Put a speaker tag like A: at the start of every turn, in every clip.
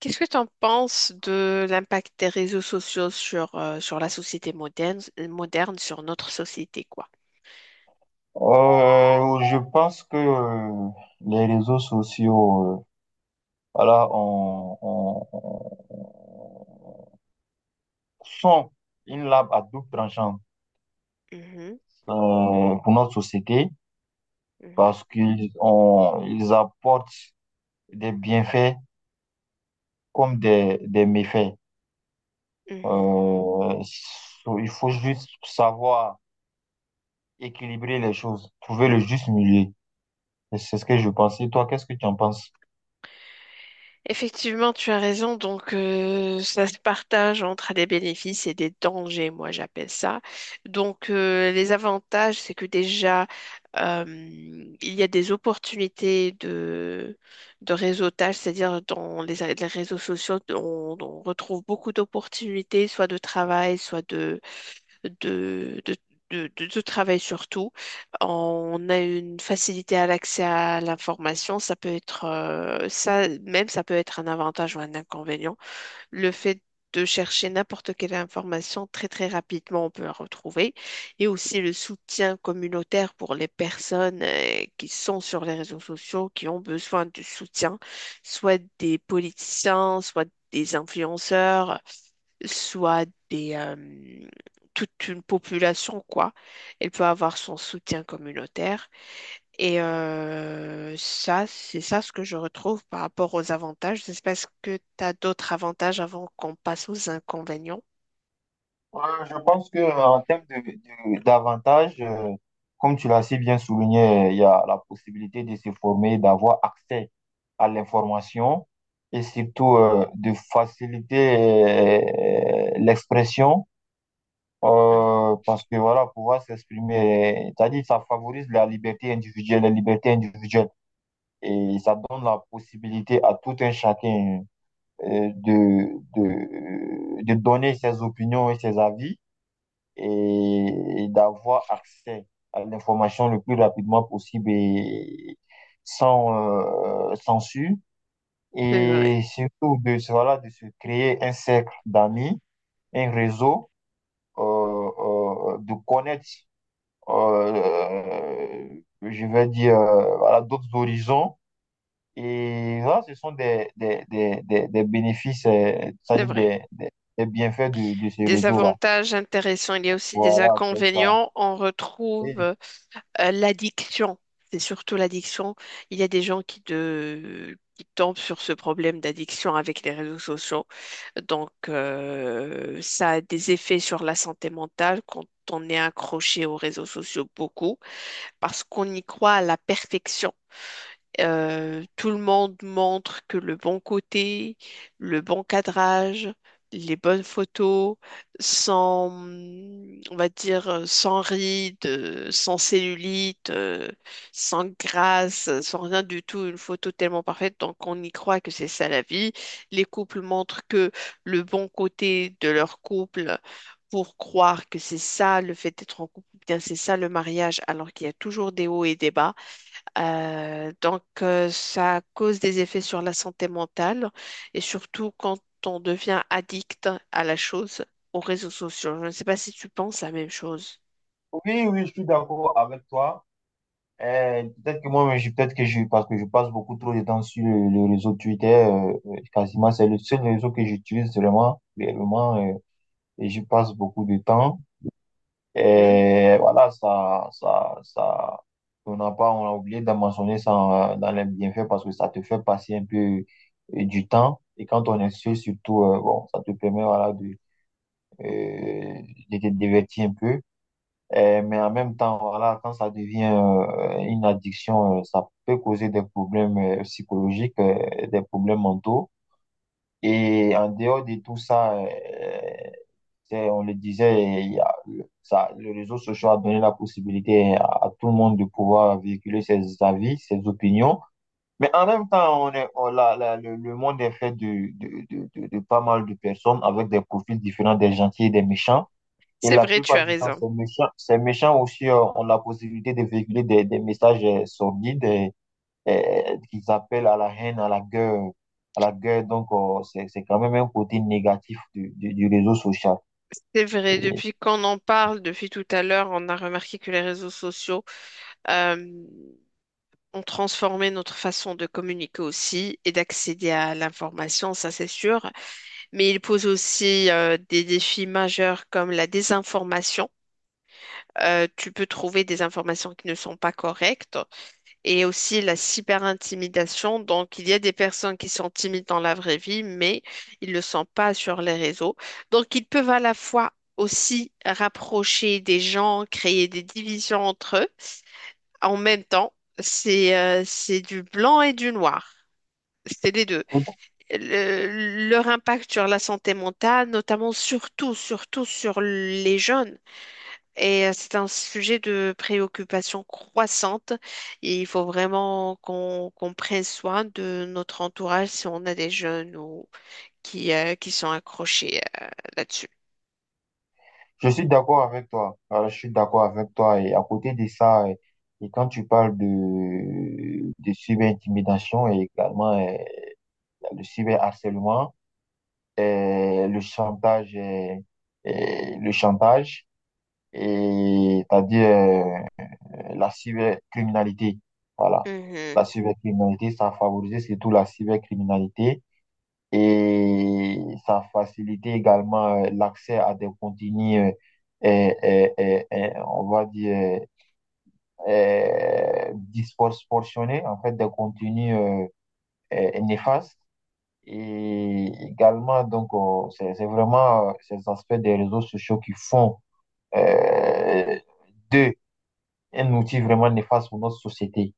A: Qu'est-ce que tu en penses de l'impact des réseaux sociaux sur, sur la société moderne, sur notre société, quoi?
B: Je pense que les réseaux sociaux, voilà, sont une lame à double tranchant
A: Mhm,
B: pour notre société
A: mhm,
B: parce qu'ils ont, ils apportent des bienfaits comme des méfaits.
A: mhm.
B: Euh, il faut juste savoir équilibrer les choses, trouver le juste milieu. Et c'est ce que je pense. Et toi, qu'est-ce que tu en penses?
A: Effectivement, tu as raison. Donc, ça se partage entre des bénéfices et des dangers, moi j'appelle ça. Donc, les avantages, c'est que déjà, euh, il y a des opportunités de réseautage, c'est-à-dire dans les réseaux sociaux, on retrouve beaucoup d'opportunités, soit de travail, soit de, de, de travail surtout. On a une facilité à l'accès à l'information. Ça peut être ça peut être un avantage ou un inconvénient. Le fait de chercher n'importe quelle information très très rapidement, on peut la retrouver. Et aussi le soutien communautaire pour les personnes qui sont sur les réseaux sociaux, qui ont besoin de soutien, soit des politiciens, soit des influenceurs, soit des, toute une population, quoi. Elle peut avoir son soutien communautaire. Et ça, c'est ça ce que je retrouve par rapport aux avantages. Je sais pas, est-ce que tu as d'autres avantages avant qu'on passe aux inconvénients?
B: Je pense que en termes d'avantages, comme tu l'as si bien souligné, il y a la possibilité de se former, d'avoir accès à l'information et surtout de faciliter l'expression
A: Mhm.
B: parce que voilà, pouvoir s'exprimer, c'est-à-dire ça favorise la liberté individuelle et ça donne la possibilité à tout un chacun euh, de, de donner ses opinions et ses avis et d'avoir accès à l'information le plus rapidement possible et sans censure.
A: C'est vrai,
B: Et surtout de, voilà, de se créer un cercle d'amis, un réseau, euh, de connaître, je vais dire, voilà, d'autres horizons. Et voilà, ce sont des bénéfices,
A: c'est
B: c'est-à-dire
A: vrai.
B: des bienfaits de ce
A: Des
B: réseau-là.
A: avantages intéressants, il y a aussi des
B: Voilà, c'est ça.
A: inconvénients. On retrouve
B: Et
A: l'addiction. C'est surtout l'addiction. Il y a des gens qui tombent sur ce problème d'addiction avec les réseaux sociaux. Donc, ça a des effets sur la santé mentale quand on est accroché aux réseaux sociaux beaucoup parce qu'on y croit à la perfection. Tout le monde montre que le bon côté, le bon cadrage, les bonnes photos, sans, on va dire, sans rides, sans cellulite, sans grâce, sans rien du tout, une photo tellement parfaite, donc on y croit que c'est ça la vie. Les couples montrent que le bon côté de leur couple pour croire que c'est ça, le fait d'être en couple, bien c'est ça le mariage, alors qu'il y a toujours des hauts et des bas. Ça cause des effets sur la santé mentale et surtout quand on devient addict à la chose, aux réseaux sociaux. Je ne sais pas si tu penses la même chose.
B: Oui, oui, je suis d'accord avec toi. Peut-être que je, parce que je passe beaucoup trop de temps sur le réseau Twitter, quasiment, c'est le seul réseau que j'utilise vraiment, réellement, et j'y passe beaucoup de temps.
A: Hmm.
B: Et voilà, on n'a pas, on a oublié d'en mentionner ça dans les bienfaits parce que ça te fait passer un peu du temps. Et quand on est seul, surtout, bon, ça te permet, voilà, euh, de te divertir un peu. Mais en même temps, voilà, quand ça devient une addiction, ça peut causer des problèmes psychologiques, des problèmes mentaux. Et en dehors de tout ça, on le disait, il y a- ça, le réseau social a donné la possibilité à tout le monde de pouvoir véhiculer ses avis, ses opinions. Mais en même temps, on est, on- la- la- le monde est fait de pas mal de personnes avec des profils différents, des gentils et des méchants. Et
A: C'est
B: la
A: vrai, tu
B: plupart
A: as
B: du temps,
A: raison.
B: ces méchants aussi ont la possibilité de véhiculer des messages sordides qu'ils appellent à la haine, à la guerre, à la guerre. Donc, c'est quand même un côté négatif du réseau social.
A: C'est vrai,
B: Et
A: depuis qu'on en parle, depuis tout à l'heure, on a remarqué que les réseaux sociaux euh, ont transformé notre façon de communiquer aussi et d'accéder à l'information, ça c'est sûr. Mais ils posent aussi des défis majeurs comme la désinformation. Tu peux trouver des informations qui ne sont pas correctes, et aussi la cyberintimidation. Donc, il y a des personnes qui sont timides dans la vraie vie, mais ils ne le sont pas sur les réseaux. Donc, ils peuvent à la fois aussi rapprocher des gens, créer des divisions entre eux. En même temps, c'est du blanc et du noir. C'est les deux.
B: donc,
A: Leur impact sur la santé mentale, notamment surtout, surtout sur les jeunes. Et c'est un sujet de préoccupation croissante. Et il faut vraiment qu'on prenne soin de notre entourage si on a des jeunes ou qui sont accrochés là-dessus.
B: je suis d'accord avec toi. Je suis d'accord avec toi. Et à côté de ça, et quand tu parles de cyber-intimidation et également le cyber-harcèlement, euh, le chantage, euh, le chantage. Et c'est-à-dire la cybercriminalité. Voilà.
A: Mhm.
B: La cybercriminalité, ça a favorisé surtout la cybercriminalité et ça a facilité également l'accès à des contenus, on va dire, disproportionnés, en fait, des contenus néfastes. Et également, donc, c'est vraiment ces aspects des réseaux sociaux qui font euh, d'eux un outil vraiment néfaste pour notre société.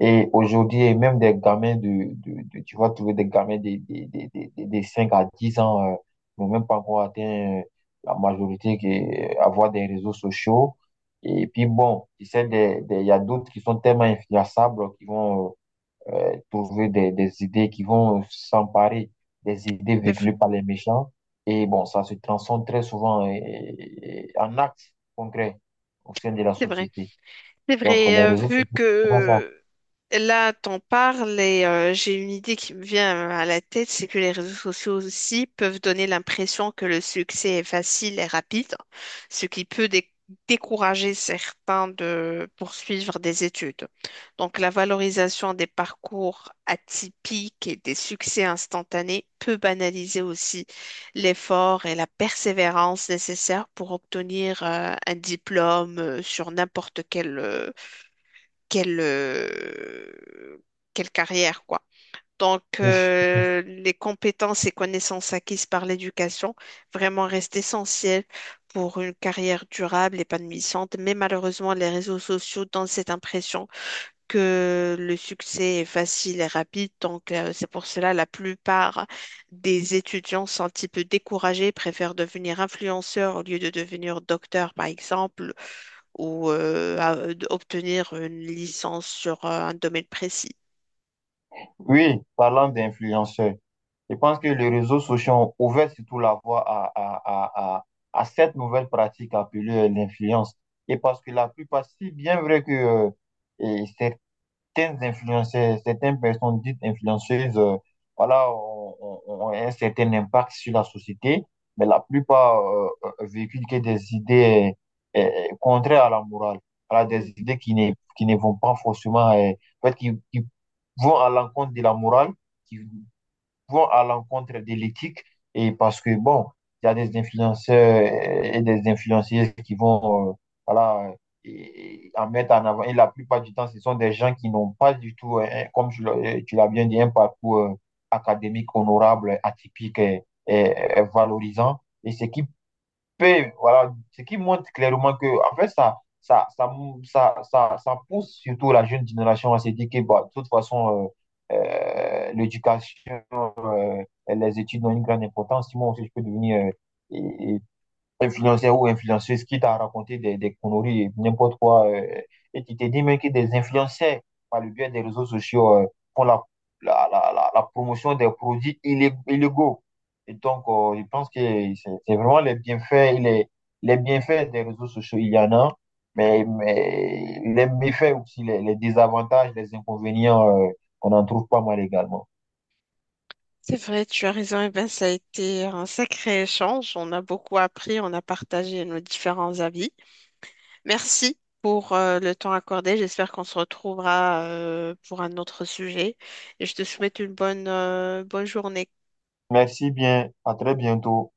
B: Et aujourd'hui, et même des gamins tu vas trouver des gamins 5 à 10 ans, n'ont même pas encore atteint la majorité, qui est avoir des réseaux sociaux. Et puis bon, tu sais, il y a d'autres qui sont tellement influençables qui vont trouver des idées, qui vont s'emparer des idées
A: C'est vrai.
B: véhiculées par les méchants. Et bon, ça se transforme très souvent en actes concrets au sein de la
A: C'est vrai.
B: société.
A: C'est
B: Donc,
A: vrai,
B: les réseaux
A: vu
B: sociaux, c'est pas ça.
A: que là, t'en parles et j'ai une idée qui me vient à la tête, c'est que les réseaux sociaux aussi peuvent donner l'impression que le succès est facile et rapide, ce qui peut décourager certains de poursuivre des études. Donc, la valorisation des parcours atypiques et des succès instantanés peut banaliser aussi l'effort et la persévérance nécessaires pour obtenir un diplôme sur n'importe quelle, euh, quelle carrière, quoi. Donc, les compétences et connaissances acquises par l'éducation vraiment restent essentielles pour une carrière durable, épanouissante. Mais malheureusement, les réseaux sociaux donnent cette impression que le succès est facile et rapide. Donc, c'est pour cela la plupart des étudiants sont un petit peu découragés, préfèrent devenir influenceurs au lieu de devenir docteur, par exemple, ou obtenir une licence sur un domaine précis.
B: Oui, parlant d'influenceurs, je pense que les réseaux sociaux ont ouvert surtout la voie à cette nouvelle pratique appelée l'influence. Et parce que la plupart, si bien vrai que et c'est influenceurs, certaines personnes dites influenceuses, voilà, ont un certain impact sur la société, mais la plupart véhiculent que des idées contraires à la morale, voilà,
A: Hmm.
B: des idées qui ne vont pas forcément, en fait, qui vont à l'encontre de la morale, qui, vont à l'encontre de l'éthique et parce que, bon, il y a des influenceurs et des influenceuses qui vont, voilà, et en mettre en avant. Et la plupart du temps, ce sont des gens qui n'ont pas du tout, comme tu l'as tu l'as bien dit, un parcours académique honorable, atypique et valorisant. Et voilà, ce qui montre clairement que, en fait, ça, mou- ça pousse surtout la jeune génération à se dire que, bah, de toute façon, l'éducation les études ont une grande importance. Si moi aussi, je peux devenir euh, influenceur ou influenceuse qui t'a raconté des conneries, et n'importe quoi. Et tu te dis même que des influenceurs, par le biais des réseaux sociaux, font la promotion des produits illégaux. Et donc, je pense que c'est vraiment les bienfaits, les bienfaits des réseaux sociaux, il y en a, mais les méfaits aussi, les désavantages, les inconvénients, qu'on en trouve pas mal également.
A: C'est vrai, tu as raison. Eh ben, ça a été un sacré échange. On a beaucoup appris, on a partagé nos différents avis. Merci pour le temps accordé. J'espère qu'on se retrouvera pour un autre sujet. Et je te souhaite une bonne, bonne journée.
B: Merci bien, à très bientôt.